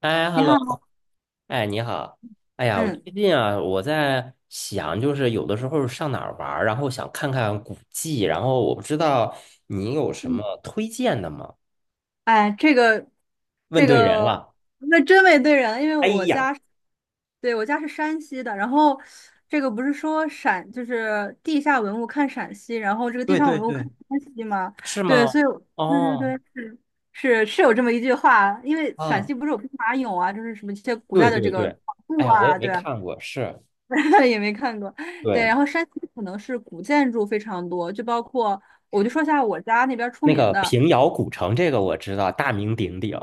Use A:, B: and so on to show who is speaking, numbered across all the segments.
A: 哎
B: 你好。
A: ，hello，哎，你好。哎呀，我
B: 嗯
A: 最近啊，我在想，就是有的时候上哪儿玩儿然后想看看古迹，然后我不知道你有什
B: 嗯。
A: 么推荐的吗？
B: 哎，这个
A: 问
B: 这
A: 对人
B: 个，
A: 了。
B: 那真没对人，因为
A: 哎
B: 我
A: 呀，
B: 家是。对，我家是山西的，然后这个不是说陕，就是地下文物看陕西，然后这个地
A: 对
B: 上
A: 对
B: 文物看
A: 对，
B: 山西吗？
A: 是
B: 对，
A: 吗？
B: 所以我。对对对，
A: 哦，
B: 是是有这么一句话，因为陕
A: 啊，
B: 西不是有兵马俑啊，就是什么一些古
A: 对
B: 代的
A: 对
B: 这个
A: 对，
B: 考
A: 哎
B: 古
A: 呀，我也
B: 啊。
A: 没
B: 对啊，
A: 看过，是，
B: 也没看过。对，
A: 对，
B: 然后山西可能是古建筑非常多，就包括我就说一下我家那边儿出
A: 那
B: 名
A: 个
B: 的。
A: 平遥古城这个我知道，大名鼎鼎。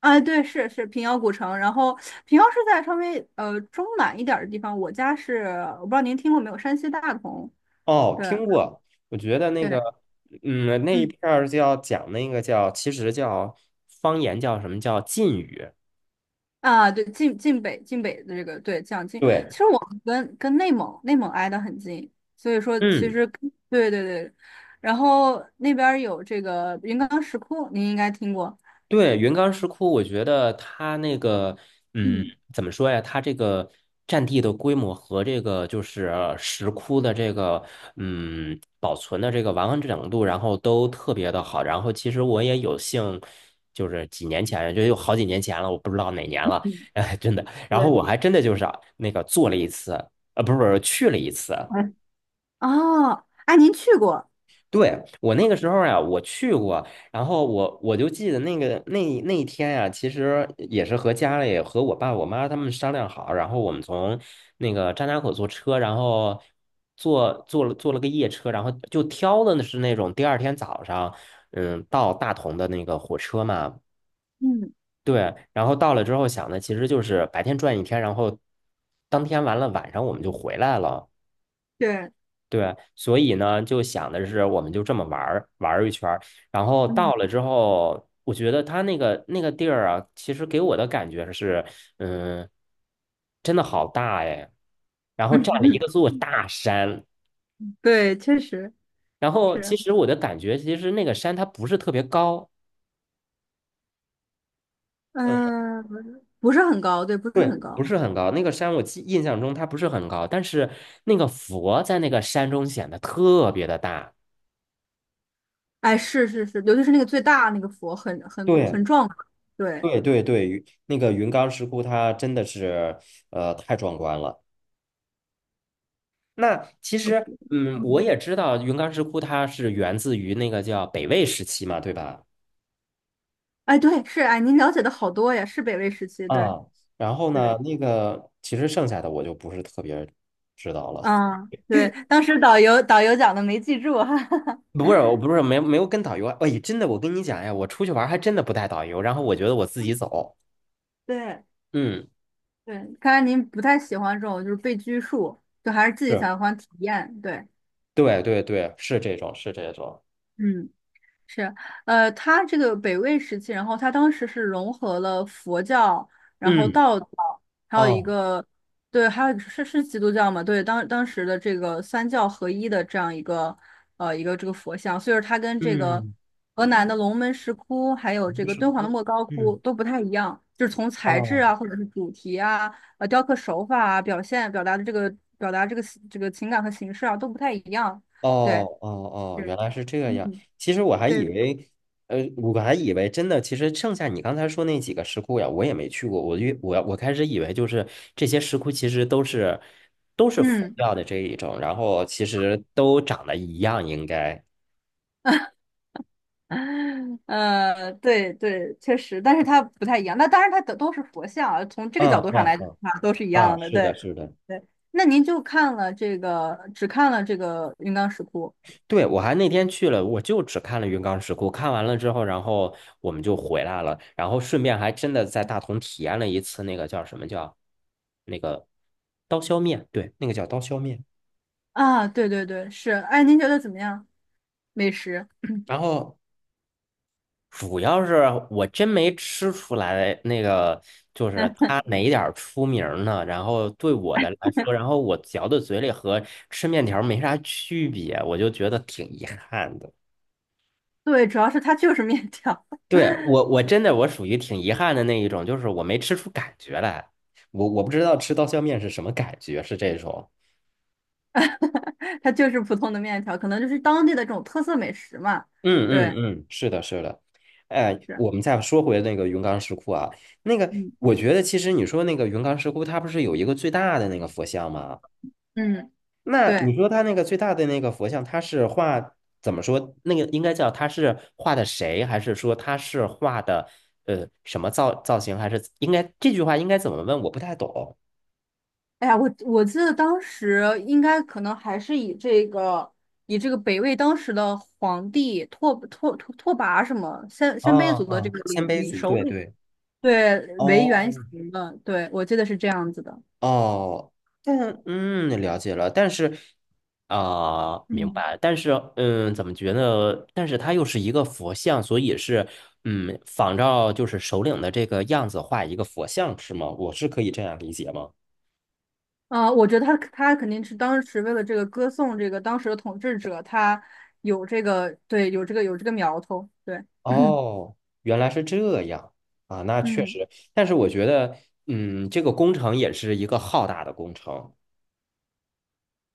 B: 啊，对，是平遥古城，然后平遥是在稍微中南一点儿的地方。我家是，我不知道您听过没有，山西大同。
A: 哦，
B: 对
A: 听过，我觉得那
B: 对。
A: 个，嗯，那一
B: 嗯，
A: 片儿叫讲那个叫，其实叫方言叫什么叫晋语，
B: 啊，对，晋北的这个对讲晋。
A: 对，
B: 其实我们跟内蒙挨得很近，所以说其
A: 嗯。
B: 实。对对对，然后那边儿有这个云冈石窟，您应该听过。
A: 对，云冈石窟，我觉得它那个，嗯，
B: 嗯
A: 怎么说呀？它这个占地的规模和这个就是石窟的这个，嗯，保存的这个完整度，然后都特别的好。然后其实我也有幸，就是几年前，就有好几年前了，我不知道哪年了，
B: 嗯。
A: 哎，真的。然后
B: 对。
A: 我还真的就是啊那个做了一次，不是不是去了一次。
B: 哎。哦，哎，您去过。
A: 对，我那个时候呀，我去过，然后我就记得那个那一天呀，其实也是和家里和我爸我妈他们商量好，然后我们从那个张家口坐车，然后坐了个夜车，然后就挑的是那种第二天早上，嗯，到大同的那个火车嘛，
B: 嗯，
A: 对，然后到了之后想的其实就是白天转一天，然后当天完了晚上我们就回来了。
B: 对。
A: 对，所以呢，就想的是，我们就这么玩儿玩儿一圈儿，然后
B: 嗯。
A: 到了之后，我觉得他那个地儿啊，其实给我的感觉是，嗯，真的好大哎，然后占了一个 座大山，
B: 对，确实
A: 然后其
B: 是。
A: 实我的感觉，其实那个山它不是特别高，嗯，
B: 嗯，不是很高，对，不是
A: 对，
B: 很
A: 不
B: 高。
A: 是很高，那个山我记印象中它不是很高，但是那个佛在那个山中显得特别的大，
B: 哎，是，尤其是那个最大那个佛，很
A: 对。
B: 很壮观。对。
A: 对对对，云那个云冈石窟它真的是太壮观了。那其实嗯，我也知道云冈石窟它是源自于那个叫北魏时期嘛，对吧？
B: 哎，对，是。哎，您了解的好多呀，是北魏时期。对
A: 啊，然后呢，
B: 对。
A: 那个其实剩下的我就不是特别知道了。
B: 嗯，对，当时导游讲的没记住。哈哈哈。
A: 不是，我不是没有跟导游啊。哎，真的，我跟你讲呀，我出去玩儿还真的不带导游，然后我觉得我自己走。
B: 对
A: 嗯，
B: 对。看来您不太喜欢这种就是被拘束，就还是自己喜
A: 是，
B: 欢体验，对。
A: 对对对，是这种，是这种。
B: 嗯。是。呃，他这个北魏时期，然后他当时是融合了佛教，然后
A: 嗯，
B: 道教，还有一
A: 哦，
B: 个。对，还有一个是基督教嘛？对，当当时的这个三教合一的这样一个一个这个佛像，所以说它跟这个
A: 嗯，
B: 河南的龙门石窟，还有这
A: 云
B: 个
A: 石
B: 敦煌的
A: 窟，
B: 莫高窟
A: 嗯，
B: 都不太一样，就是从材质
A: 哦。
B: 啊，或者是主题啊，呃，雕刻手法啊，表达的这个表达这个这个情感和形式啊都不太一样。对。
A: 哦哦哦，
B: 是。
A: 原来是这样。
B: 嗯。
A: 其实我还以
B: 对。
A: 为，我还以为真的，其实剩下你刚才说那几个石窟呀，我也没去过。我越我我开始以为就是这些石窟其实都是佛
B: 嗯。
A: 教的这一种，然后其实都长得一样，应该。
B: 呃，对对，确实，但是它不太一样。那当然，它都是佛像啊，从这个
A: 嗯
B: 角度上
A: 嗯
B: 来看，
A: 嗯，
B: 都是一
A: 啊，
B: 样的。
A: 是
B: 对。
A: 的，是的。
B: 对，那您就看了这个，只看了这个云冈石窟
A: 对，我还那天去了，我就只看了云冈石窟，看完了之后，然后我们就回来了，然后顺便还真的在大同体验了一次那个叫什么叫那个刀削面，对，那个叫刀削面。
B: 啊？对对对，是。哎，您觉得怎么样？美食？
A: 然后主要是我真没吃出来那个就是它哪点儿出名儿呢？然后对我的来说，然后我嚼到嘴里和吃面条儿没啥区别，我就觉得挺遗憾的。
B: 对，主要是它就是面条。
A: 对，我真的我属于挺遗憾的那一种，就是我没吃出感觉来，我不知道吃刀削面是什么感觉，是这种。
B: 它就是普通的面条，可能就是当地的这种特色美食嘛。
A: 嗯嗯
B: 对。
A: 嗯，是的，是的。哎，
B: 是。
A: 我们再说回那个云冈石窟啊，那个
B: 嗯
A: 我觉得其实你说那个云冈石窟，它不是有一个最大的那个佛像吗？
B: 嗯。
A: 那
B: 对。
A: 你说它那个最大的那个佛像，它是画怎么说？那个应该叫它是画的谁，还是说它是画的什么造型，还是应该这句话应该怎么问？我不太懂。
B: 哎呀，我我记得当时应该可能还是以这个以这个北魏当时的皇帝拓跋什么鲜
A: 啊
B: 鲜卑族的这
A: 啊，
B: 个
A: 鲜
B: 领
A: 卑
B: 领
A: 族，
B: 首
A: 对
B: 领
A: 对，
B: 对为原
A: 哦
B: 型的。对，我记得是这样子的。
A: 哦，但嗯，了解了，但是啊、明
B: 嗯，
A: 白，但是嗯，怎么觉得？但是它又是一个佛像，所以是嗯，仿照就是首领的这个样子画一个佛像，是吗？我是可以这样理解吗？
B: 呃，我觉得他肯定是当时为了这个歌颂这个当时的统治者，他有这个，对，有这个苗头，对。
A: 哦，原来是这样啊，那确
B: 嗯，
A: 实，但是我觉得嗯，这个工程也是一个浩大的工程，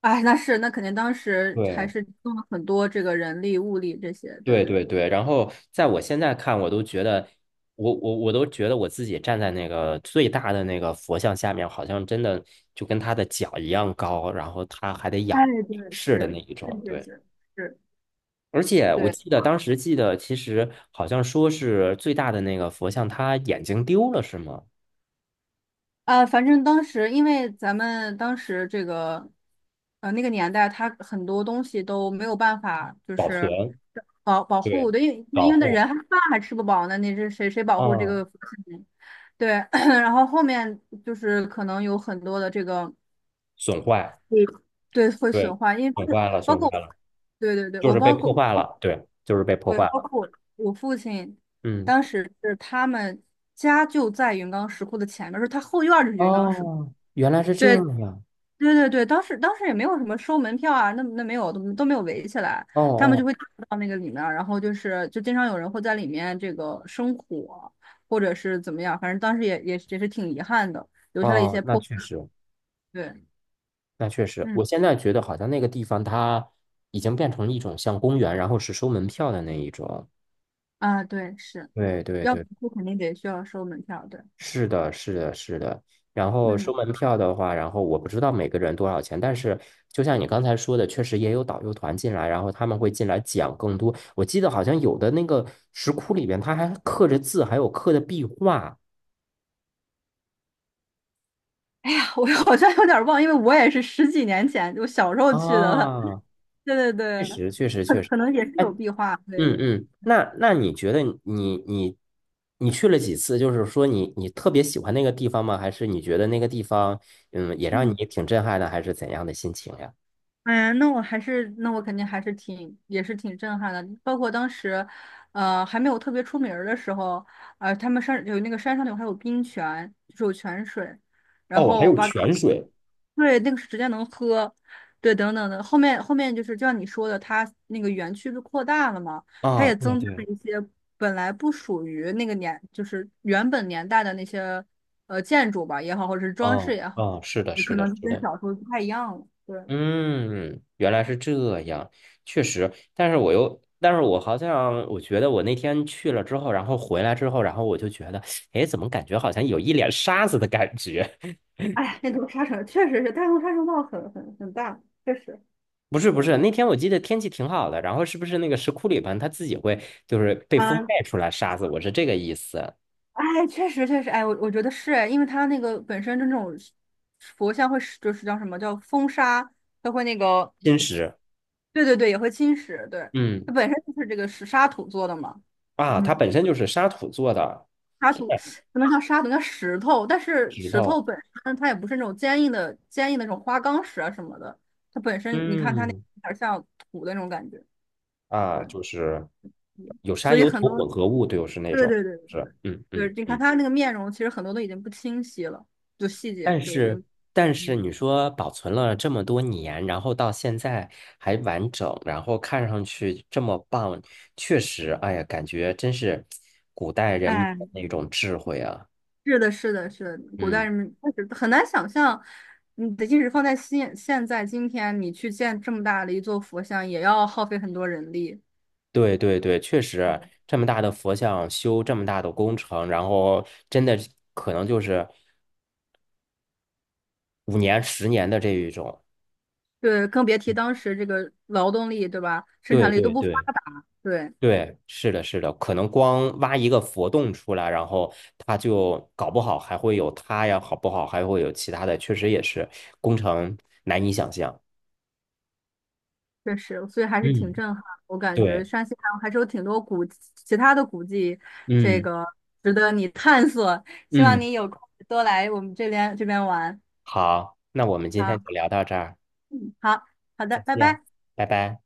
B: 哎，那是那肯定当时还
A: 对，
B: 是动了很多这个人力物力这些，对。
A: 对对对，然后在我现在看，我都觉得，我都觉得我自己站在那个最大的那个佛像下面，好像真的就跟他的脚一样高，然后他还得仰
B: 哎，对，
A: 仰视的那
B: 是
A: 一
B: 是
A: 种。
B: 是
A: 对，
B: 是是，
A: 而且我
B: 对。
A: 记得当时记得，其实好像说是最大的那个佛像，他眼睛丢了是吗？
B: 啊，反正当时因为咱们当时这个，呃，那个年代，它很多东西都没有办法，就
A: 保存，
B: 是保保
A: 对，
B: 护的，因为因
A: 保
B: 为那
A: 护，
B: 人还饭还吃不饱呢，你是谁保护这
A: 嗯，
B: 个福气呢。对。然后后面就是可能有很多的这个。
A: 损坏，
B: 对。对，会损
A: 对，
B: 坏，因为包
A: 损
B: 括
A: 坏了，
B: 包
A: 损坏
B: 括。
A: 了，
B: 对对对，
A: 就
B: 我
A: 是被
B: 包
A: 破
B: 括。
A: 坏了，对，就是被破
B: 对，
A: 坏
B: 包
A: 了，
B: 括我我父亲，
A: 嗯。
B: 当时是他们家就在云冈石窟的前面，说他后院儿就是云冈石窟。
A: 哦，原来是这
B: 对。
A: 样。
B: 对对对，当时也没有什么收门票啊，那那没有，都没有围起来，
A: 哦
B: 他们就
A: 哦
B: 会到那个里面儿，然后就是就经常有人会在里面这个生火，或者是怎么样，反正当时也是挺遗憾的，留下了一
A: 哦，
B: 些
A: 那
B: 破。
A: 确实，
B: 对。
A: 那确实，
B: 嗯，
A: 我现在觉得好像那个地方它已经变成一种像公园，然后是收门票的那一种。
B: 啊，对，是，
A: 对对
B: 要
A: 对，
B: 不肯定得需要收门票，对。
A: 是的，是的，是的。然后收
B: 嗯。
A: 门票的话，然后我不知道每个人多少钱，但是就像你刚才说的，确实也有导游团进来，然后他们会进来讲更多。我记得好像有的那个石窟里边，它还刻着字，还有刻的壁画
B: 哎呀，我好像有点忘，因为我也是十几年前，就小时候去的了。
A: 啊，
B: 对对
A: 确
B: 对，
A: 实，确实，
B: 可
A: 确实。
B: 可能也是
A: 哎，
B: 有壁画。对。
A: 嗯嗯，那你觉得你你去了几次？就是说你特别喜欢那个地方吗？还是你觉得那个地方也让你
B: 嗯。
A: 挺震撼的，还是怎样的心情呀？
B: 哎呀，那我还是，那我肯定还是挺，也是挺震撼的。包括当时，呃，还没有特别出名儿的时候，呃，他们山有那个山上有还有冰泉，就是有泉水，然
A: 哦，还
B: 后我
A: 有
B: 爸跟
A: 泉
B: 我。
A: 水。
B: 对，那个是直接能喝。对，等等的。后面就是就像你说的，它那个园区就扩大了嘛，它
A: 啊，
B: 也
A: 对
B: 增加了
A: 对，
B: 一些本来不属于那个年，就是原本年代的那些呃建筑吧也好，或者是装饰
A: 哦
B: 也好，
A: 哦，是的，
B: 可
A: 是的，
B: 能
A: 是
B: 跟
A: 的，
B: 小时候不太一样了，对。
A: 嗯，原来是这样，确实，但是我又，但是我好像，我觉得我那天去了之后，然后回来之后，然后我就觉得，哎，怎么感觉好像有一脸沙子的感觉？
B: 哎呀，那头沙尘确实是大陆沙尘暴很大，确实。
A: 不是不
B: 对。
A: 是，那天我记得天气挺好的，然后是不是那个石窟里边它自己会就是被风
B: 嗯。
A: 带出来沙子？我是这个意思。
B: 哎，确实确实。哎，我我觉得是。哎，因为它那个本身就那种佛像会是就是叫什么叫风沙，它会那个。
A: 金石，
B: 对对对，也会侵蚀，对。
A: 嗯
B: 它本身就是这个石沙土做的嘛。
A: 啊，它
B: 嗯，
A: 本身就是沙土做的
B: 沙土不能叫沙土，叫石头，但是
A: 石
B: 石
A: 头，
B: 头本身它也不是那种坚硬的那种花岗石啊什么的，它本身你看它那
A: 嗯
B: 有点像土的那种感觉。
A: 啊，
B: 对，
A: 就是有沙
B: 所以
A: 有
B: 很
A: 土
B: 多。
A: 混合物，就是那
B: 对
A: 种
B: 对对，
A: 是，嗯
B: 就
A: 嗯
B: 是你看
A: 嗯。
B: 他那个面容，其实很多都已经不清晰了，就细节
A: 但
B: 就已
A: 是，
B: 经。
A: 但是
B: 嗯。
A: 你说保存了这么多年，然后到现在还完整，然后看上去这么棒，确实，哎呀，感觉真是古代人民
B: 哎，
A: 的那种智慧啊。
B: 是的，是的，是的，古代
A: 嗯，
B: 人们确实很难想象。你的即使放在现在今天，你去建这么大的一座佛像，也要耗费很多人力。
A: 对对对，确实，这么大的佛像修这么大的工程，然后真的可能就是5年、10年的这一种。
B: 对，更别提当时这个劳动力，对吧？生
A: 对
B: 产力都
A: 对
B: 不发
A: 对。
B: 达，对。
A: 对，是的，是的，可能光挖一个佛洞出来，然后它就搞不好还会有它呀，好不好？还会有其他的，确实也是工程难以想象。
B: 确实，所以还是挺
A: 嗯，
B: 震撼。我感觉
A: 对，
B: 山西还是有挺多古其他的古迹，这
A: 嗯
B: 个值得你探索。希望
A: 嗯，
B: 你有空多来我们这边玩。
A: 好，那我们今天就
B: 好
A: 聊到这儿，
B: 好好
A: 再
B: 的，拜
A: 见，
B: 拜。
A: 拜拜。